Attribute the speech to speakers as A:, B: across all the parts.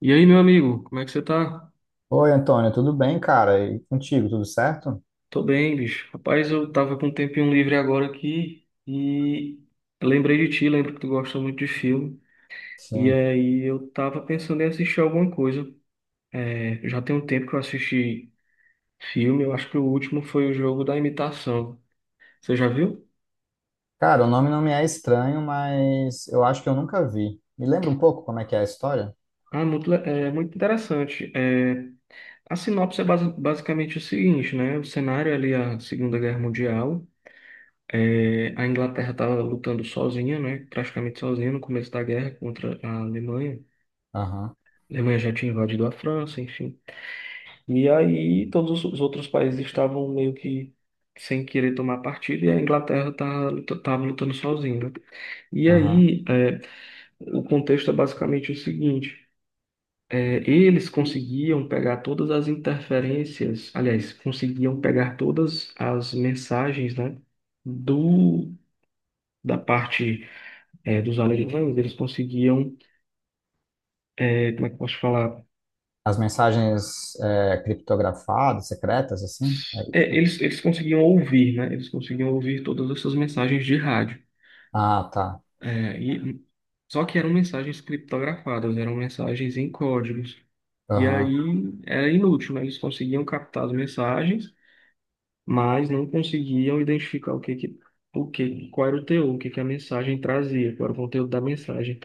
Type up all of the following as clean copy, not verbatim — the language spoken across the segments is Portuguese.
A: E aí, meu amigo, como é que você tá?
B: Oi, Antônio, tudo bem, cara? E contigo, tudo certo?
A: Tô bem, bicho. Rapaz, eu tava com um tempinho livre agora aqui e lembrei de ti, lembro que tu gosta muito de filme. E
B: Sim.
A: aí eu tava pensando em assistir alguma coisa. Já tem um tempo que eu assisti filme, eu acho que o último foi o Jogo da Imitação. Você já viu?
B: Cara, o nome não me é estranho, mas eu acho que eu nunca vi. Me lembra um pouco como é que é a história?
A: Ah, muito, muito interessante. A sinopse é basicamente o seguinte, né? O cenário é ali é a Segunda Guerra Mundial. A Inglaterra estava lutando sozinha, né? Praticamente sozinha no começo da guerra contra a Alemanha.
B: Aham,
A: A Alemanha já tinha invadido a França, enfim. E aí todos os outros países estavam meio que sem querer tomar partido e a Inglaterra estava lutando sozinha, né? E
B: aham.
A: aí, o contexto é basicamente o seguinte: eles conseguiam pegar todas as interferências, aliás, conseguiam pegar todas as mensagens, né, do, da parte dos americanos, eles conseguiam, como é que eu posso falar?
B: As mensagens é, criptografadas, secretas, assim? É isso?
A: Eles conseguiam ouvir, né? Eles conseguiam ouvir todas essas mensagens de rádio.
B: Ah, tá.
A: É, e, só que eram mensagens criptografadas, eram mensagens em códigos. E aí
B: Aham,
A: era inútil, né? Eles conseguiam captar as mensagens, mas não conseguiam identificar o que que, o que, qual era o teor, o que que a mensagem trazia, qual era o conteúdo da mensagem.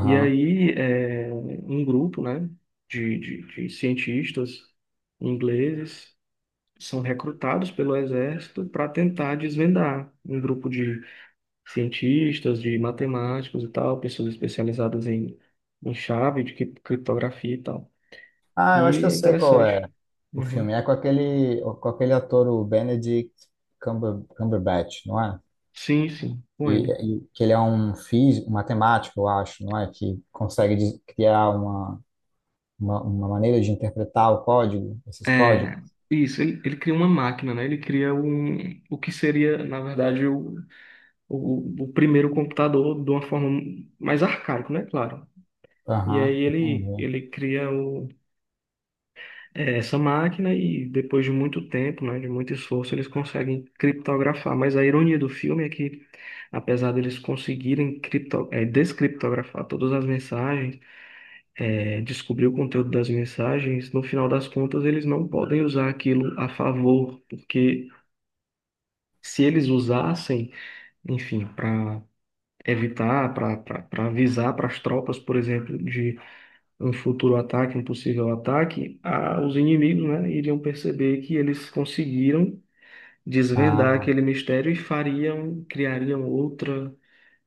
A: E aí, um grupo, né, de cientistas ingleses são recrutados pelo exército para tentar desvendar um grupo de cientistas, de matemáticos e tal, pessoas especializadas em chave de criptografia e tal.
B: Ah, eu acho que
A: E
B: eu
A: é
B: sei qual é
A: interessante.
B: o
A: Uhum.
B: filme. É com aquele ator, o Benedict Cumberbatch, não é?
A: Sim, sim, com ele.
B: E que ele é um físico, um matemático, eu acho, não é? Que consegue criar uma maneira de interpretar o código, esses códigos?
A: É, isso, ele cria uma máquina, né? Ele cria o que seria, na verdade, o primeiro computador de uma forma mais arcaico, né? Claro. E aí
B: Aham, entendi.
A: ele cria essa máquina e depois de muito tempo, né, de muito esforço, eles conseguem criptografar. Mas a ironia do filme é que, apesar deles conseguirem descriptografar todas as mensagens, descobrir o conteúdo das mensagens, no final das contas eles não podem usar aquilo a favor, porque se eles usassem, enfim, para evitar, para avisar para as tropas, por exemplo, de um futuro ataque, um possível ataque, os inimigos, né, iriam perceber que eles conseguiram desvendar
B: Ah,
A: aquele mistério e fariam, criariam outra,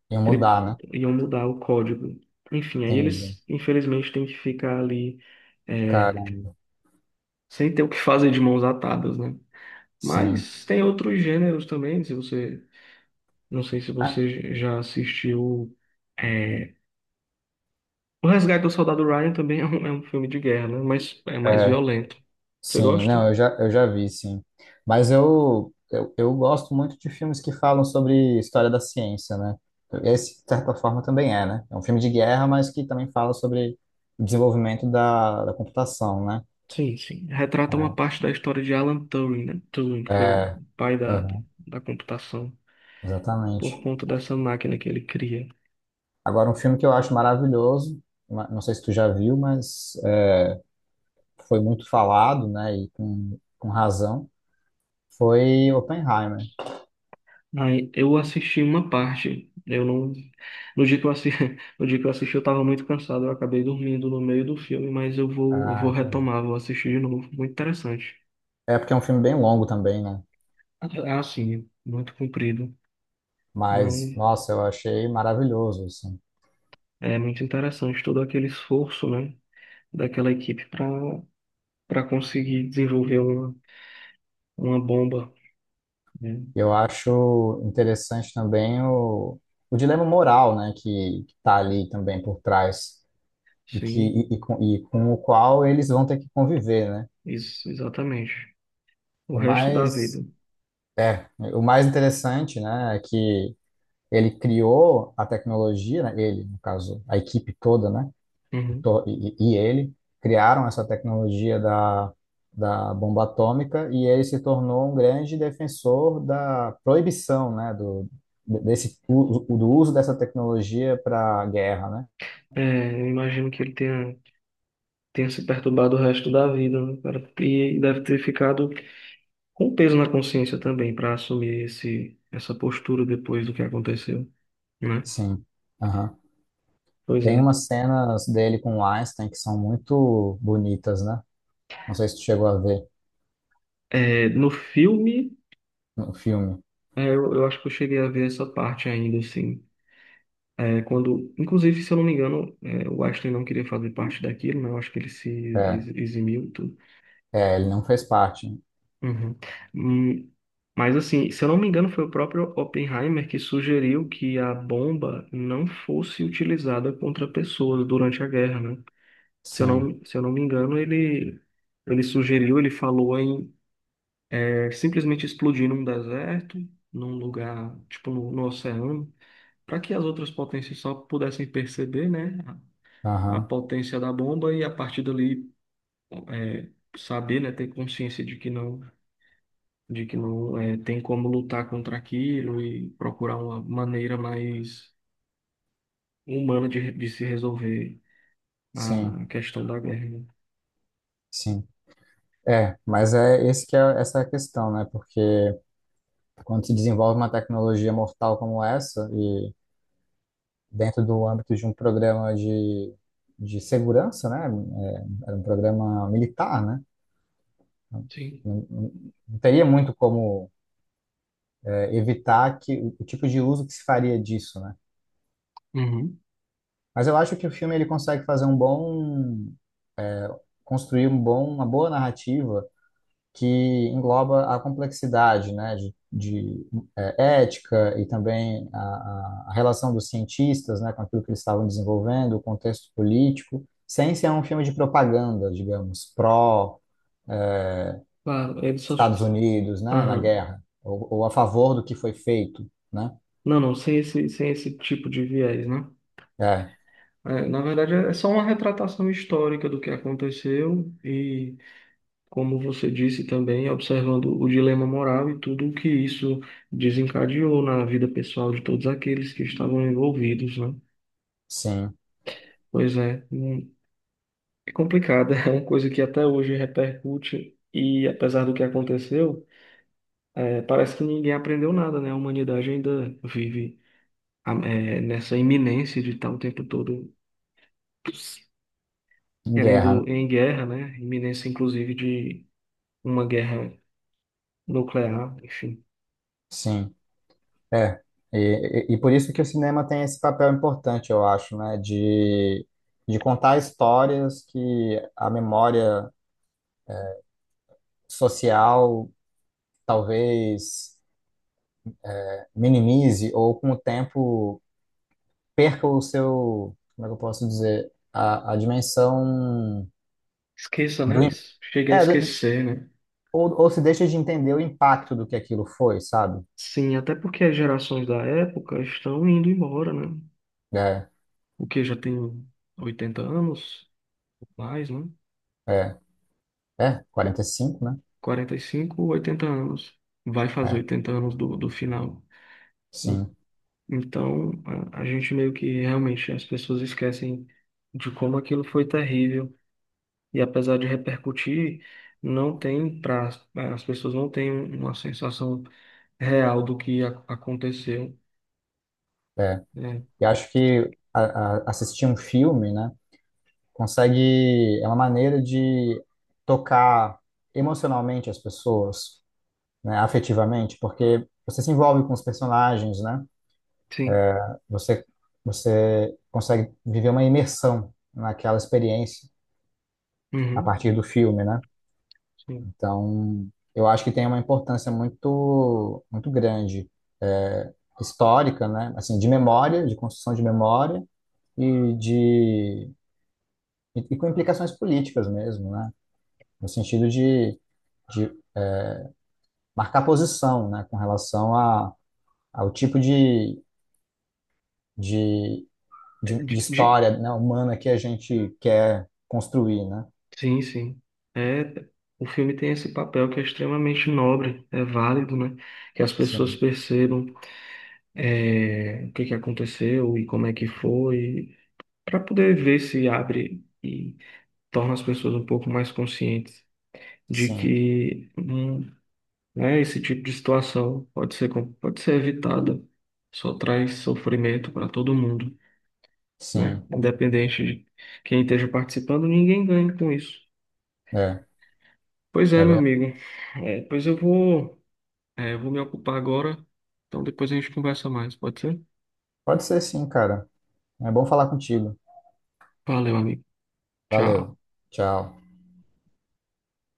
B: e
A: cri-
B: mudar, né?
A: iam mudar o código. Enfim, aí
B: Entendi.
A: eles, infelizmente, têm que ficar ali é,
B: Caramba,
A: sem ter o que fazer de mãos atadas, né?
B: sim.
A: Mas tem outros gêneros também, se você, não sei se
B: Ah,
A: você já assistiu é, O Resgate do Soldado Ryan também é é um filme de guerra, né? Mas é mais
B: é,
A: violento. Você
B: sim,
A: gosta?
B: não, eu já vi, sim. Mas eu gosto muito de filmes que falam sobre história da ciência, né? Esse, de certa forma, também é, né? É um filme de guerra, mas que também fala sobre o desenvolvimento da computação, né?
A: Sim, sim. Retrata uma parte da história de Alan Turing, né? Turing, que
B: É,
A: foi o
B: é,
A: pai
B: Aham,
A: da computação, por
B: exatamente.
A: conta dessa máquina que ele cria.
B: Agora, um filme que eu acho maravilhoso, não sei se tu já viu, mas foi muito falado, né, e com razão, foi Oppenheimer.
A: Aí eu assisti uma parte. Eu não. No dia que eu assisti, no dia que eu assisti, eu estava muito cansado. Eu acabei dormindo no meio do filme, mas eu
B: Ah,
A: vou
B: entendi.
A: retomar, vou assistir de novo. Muito interessante.
B: É porque é um filme bem longo também, né?
A: Ah, sim, muito comprido,
B: Mas,
A: mas
B: nossa, eu achei maravilhoso, assim.
A: é muito interessante todo aquele esforço, né? Daquela equipe para conseguir desenvolver uma bomba, né?
B: Eu acho interessante também o dilema moral, né, que tá ali também por trás e que
A: Sim,
B: e com o qual eles vão ter que conviver, né?
A: isso, exatamente. O
B: O
A: resto da
B: mais
A: vida.
B: é, o mais interessante, né, é que ele criou a tecnologia, né, ele, no caso, a equipe toda, né?
A: Uhum.
B: E ele criaram essa tecnologia da bomba atômica e ele se tornou um grande defensor da proibição, né, desse, do uso dessa tecnologia para guerra, né?
A: Eu imagino que ele tenha se perturbado o resto da vida, né, cara? E deve ter ficado com peso na consciência também para assumir essa postura depois do que aconteceu, né?
B: Sim. Aham.
A: Pois é.
B: Tem umas cenas dele com o Einstein que são muito bonitas, né? Não sei se tu chegou a ver
A: No filme,
B: no filme.
A: eu acho que eu cheguei a ver essa parte ainda, assim. Quando, inclusive, se eu não me engano, o Einstein não queria fazer parte daquilo, né? Eu acho que ele se
B: É,
A: eximiu e tudo.
B: ele não fez parte.
A: Uhum. Hum, Mas, assim, se eu não me engano, foi o próprio Oppenheimer que sugeriu que a bomba não fosse utilizada contra pessoas durante a guerra, né?
B: Sim.
A: Se eu não me engano, ele sugeriu, ele falou em simplesmente explodir num deserto, num lugar, tipo, no oceano, para que as outras potências só pudessem perceber, né? A
B: Aham.
A: potência da bomba e a partir dali é, saber, né, ter consciência de que não, tem como lutar contra aquilo e procurar uma maneira mais humana de se resolver
B: Sim,
A: a questão da guerra, né?
B: sim. É, mas é esse que é essa é a questão, né? Porque quando se desenvolve uma tecnologia mortal como essa, e dentro do âmbito de um programa de segurança, né? É, era um programa militar, né?
A: Sim.
B: Não, não teria muito como é, evitar que o tipo de uso que se faria disso, né?
A: Uhum.
B: Mas eu acho que o filme ele consegue fazer um bom, construir um bom, uma boa narrativa que engloba a complexidade, né, eh, ética e também a relação dos cientistas, né, com aquilo que eles estavam desenvolvendo, o contexto político, sem ser um filme de propaganda, digamos, pró
A: Claro, ele só.
B: Estados Unidos, né, na
A: Aham.
B: guerra, ou a favor do que foi feito, né?
A: Não, não, sem esse, sem esse tipo de viés, né?
B: É,
A: É, na verdade, é só uma retratação histórica do que aconteceu e como você disse também, observando o dilema moral e tudo o que isso desencadeou na vida pessoal de todos aqueles que estavam envolvidos, né?
B: sim,
A: Pois é, é complicado, é uma coisa que até hoje repercute e apesar do que aconteceu, é, parece que ninguém aprendeu nada, né? A humanidade ainda vive a- é, nessa iminência de estar o tempo todo
B: em guerra, né?
A: querendo em guerra, né? Iminência, inclusive, de uma guerra nuclear, enfim.
B: Sim, é. E, e por isso que o cinema tem esse papel importante, eu acho, né, de contar histórias que a memória social talvez minimize ou com o tempo perca o seu, como é que eu posso dizer, a dimensão
A: Esqueça,
B: do,
A: né?
B: im-
A: Chega a
B: é, do-
A: esquecer, né?
B: ou se deixa de entender o impacto do que aquilo foi, sabe?
A: Sim, até porque as gerações da época estão indo embora, né?
B: É,
A: O que já tem 80 anos, mais, né?
B: é, é 45 né?
A: 45 80 anos. Vai fazer
B: É,
A: 80 anos do, do final.
B: sim.
A: Então, a gente meio que realmente as pessoas esquecem de como aquilo foi terrível. E apesar de repercutir, não tem pra, é, as pessoas não têm uma sensação real do que a- aconteceu. Né?
B: E acho que assistir um filme, né, consegue, é uma maneira de tocar emocionalmente as pessoas, né, afetivamente, porque você se envolve com os personagens, né?
A: Sim.
B: Você, você consegue viver uma imersão naquela experiência a
A: Uhum.
B: partir do filme, né?
A: Sim.
B: Então, eu acho que tem uma importância muito, muito grande, é, histórica, né? Assim, de memória, de construção de memória e de e com implicações políticas mesmo, né? No sentido de marcar posição, né? Com relação a, ao tipo de, de
A: De,
B: história, né, humana que a gente quer construir, né?
A: Sim, sim. É, o filme tem esse papel que é extremamente nobre, é válido, né? Que as pessoas
B: Sim,
A: percebam o que que aconteceu e como é que foi, para poder ver se abre e torna as pessoas um pouco mais conscientes de
B: sim,
A: que né, esse tipo de situação pode ser evitada, só traz sofrimento para todo mundo, né?
B: sim.
A: Independente de quem esteja participando, ninguém ganha com isso.
B: É,
A: Pois é,
B: é
A: meu
B: verdade.
A: amigo. Pois eu vou me ocupar agora. Então depois a gente conversa mais, pode ser?
B: Pode ser sim, cara. É bom falar contigo.
A: Valeu, amigo.
B: Valeu.
A: Tchau.
B: Tchau.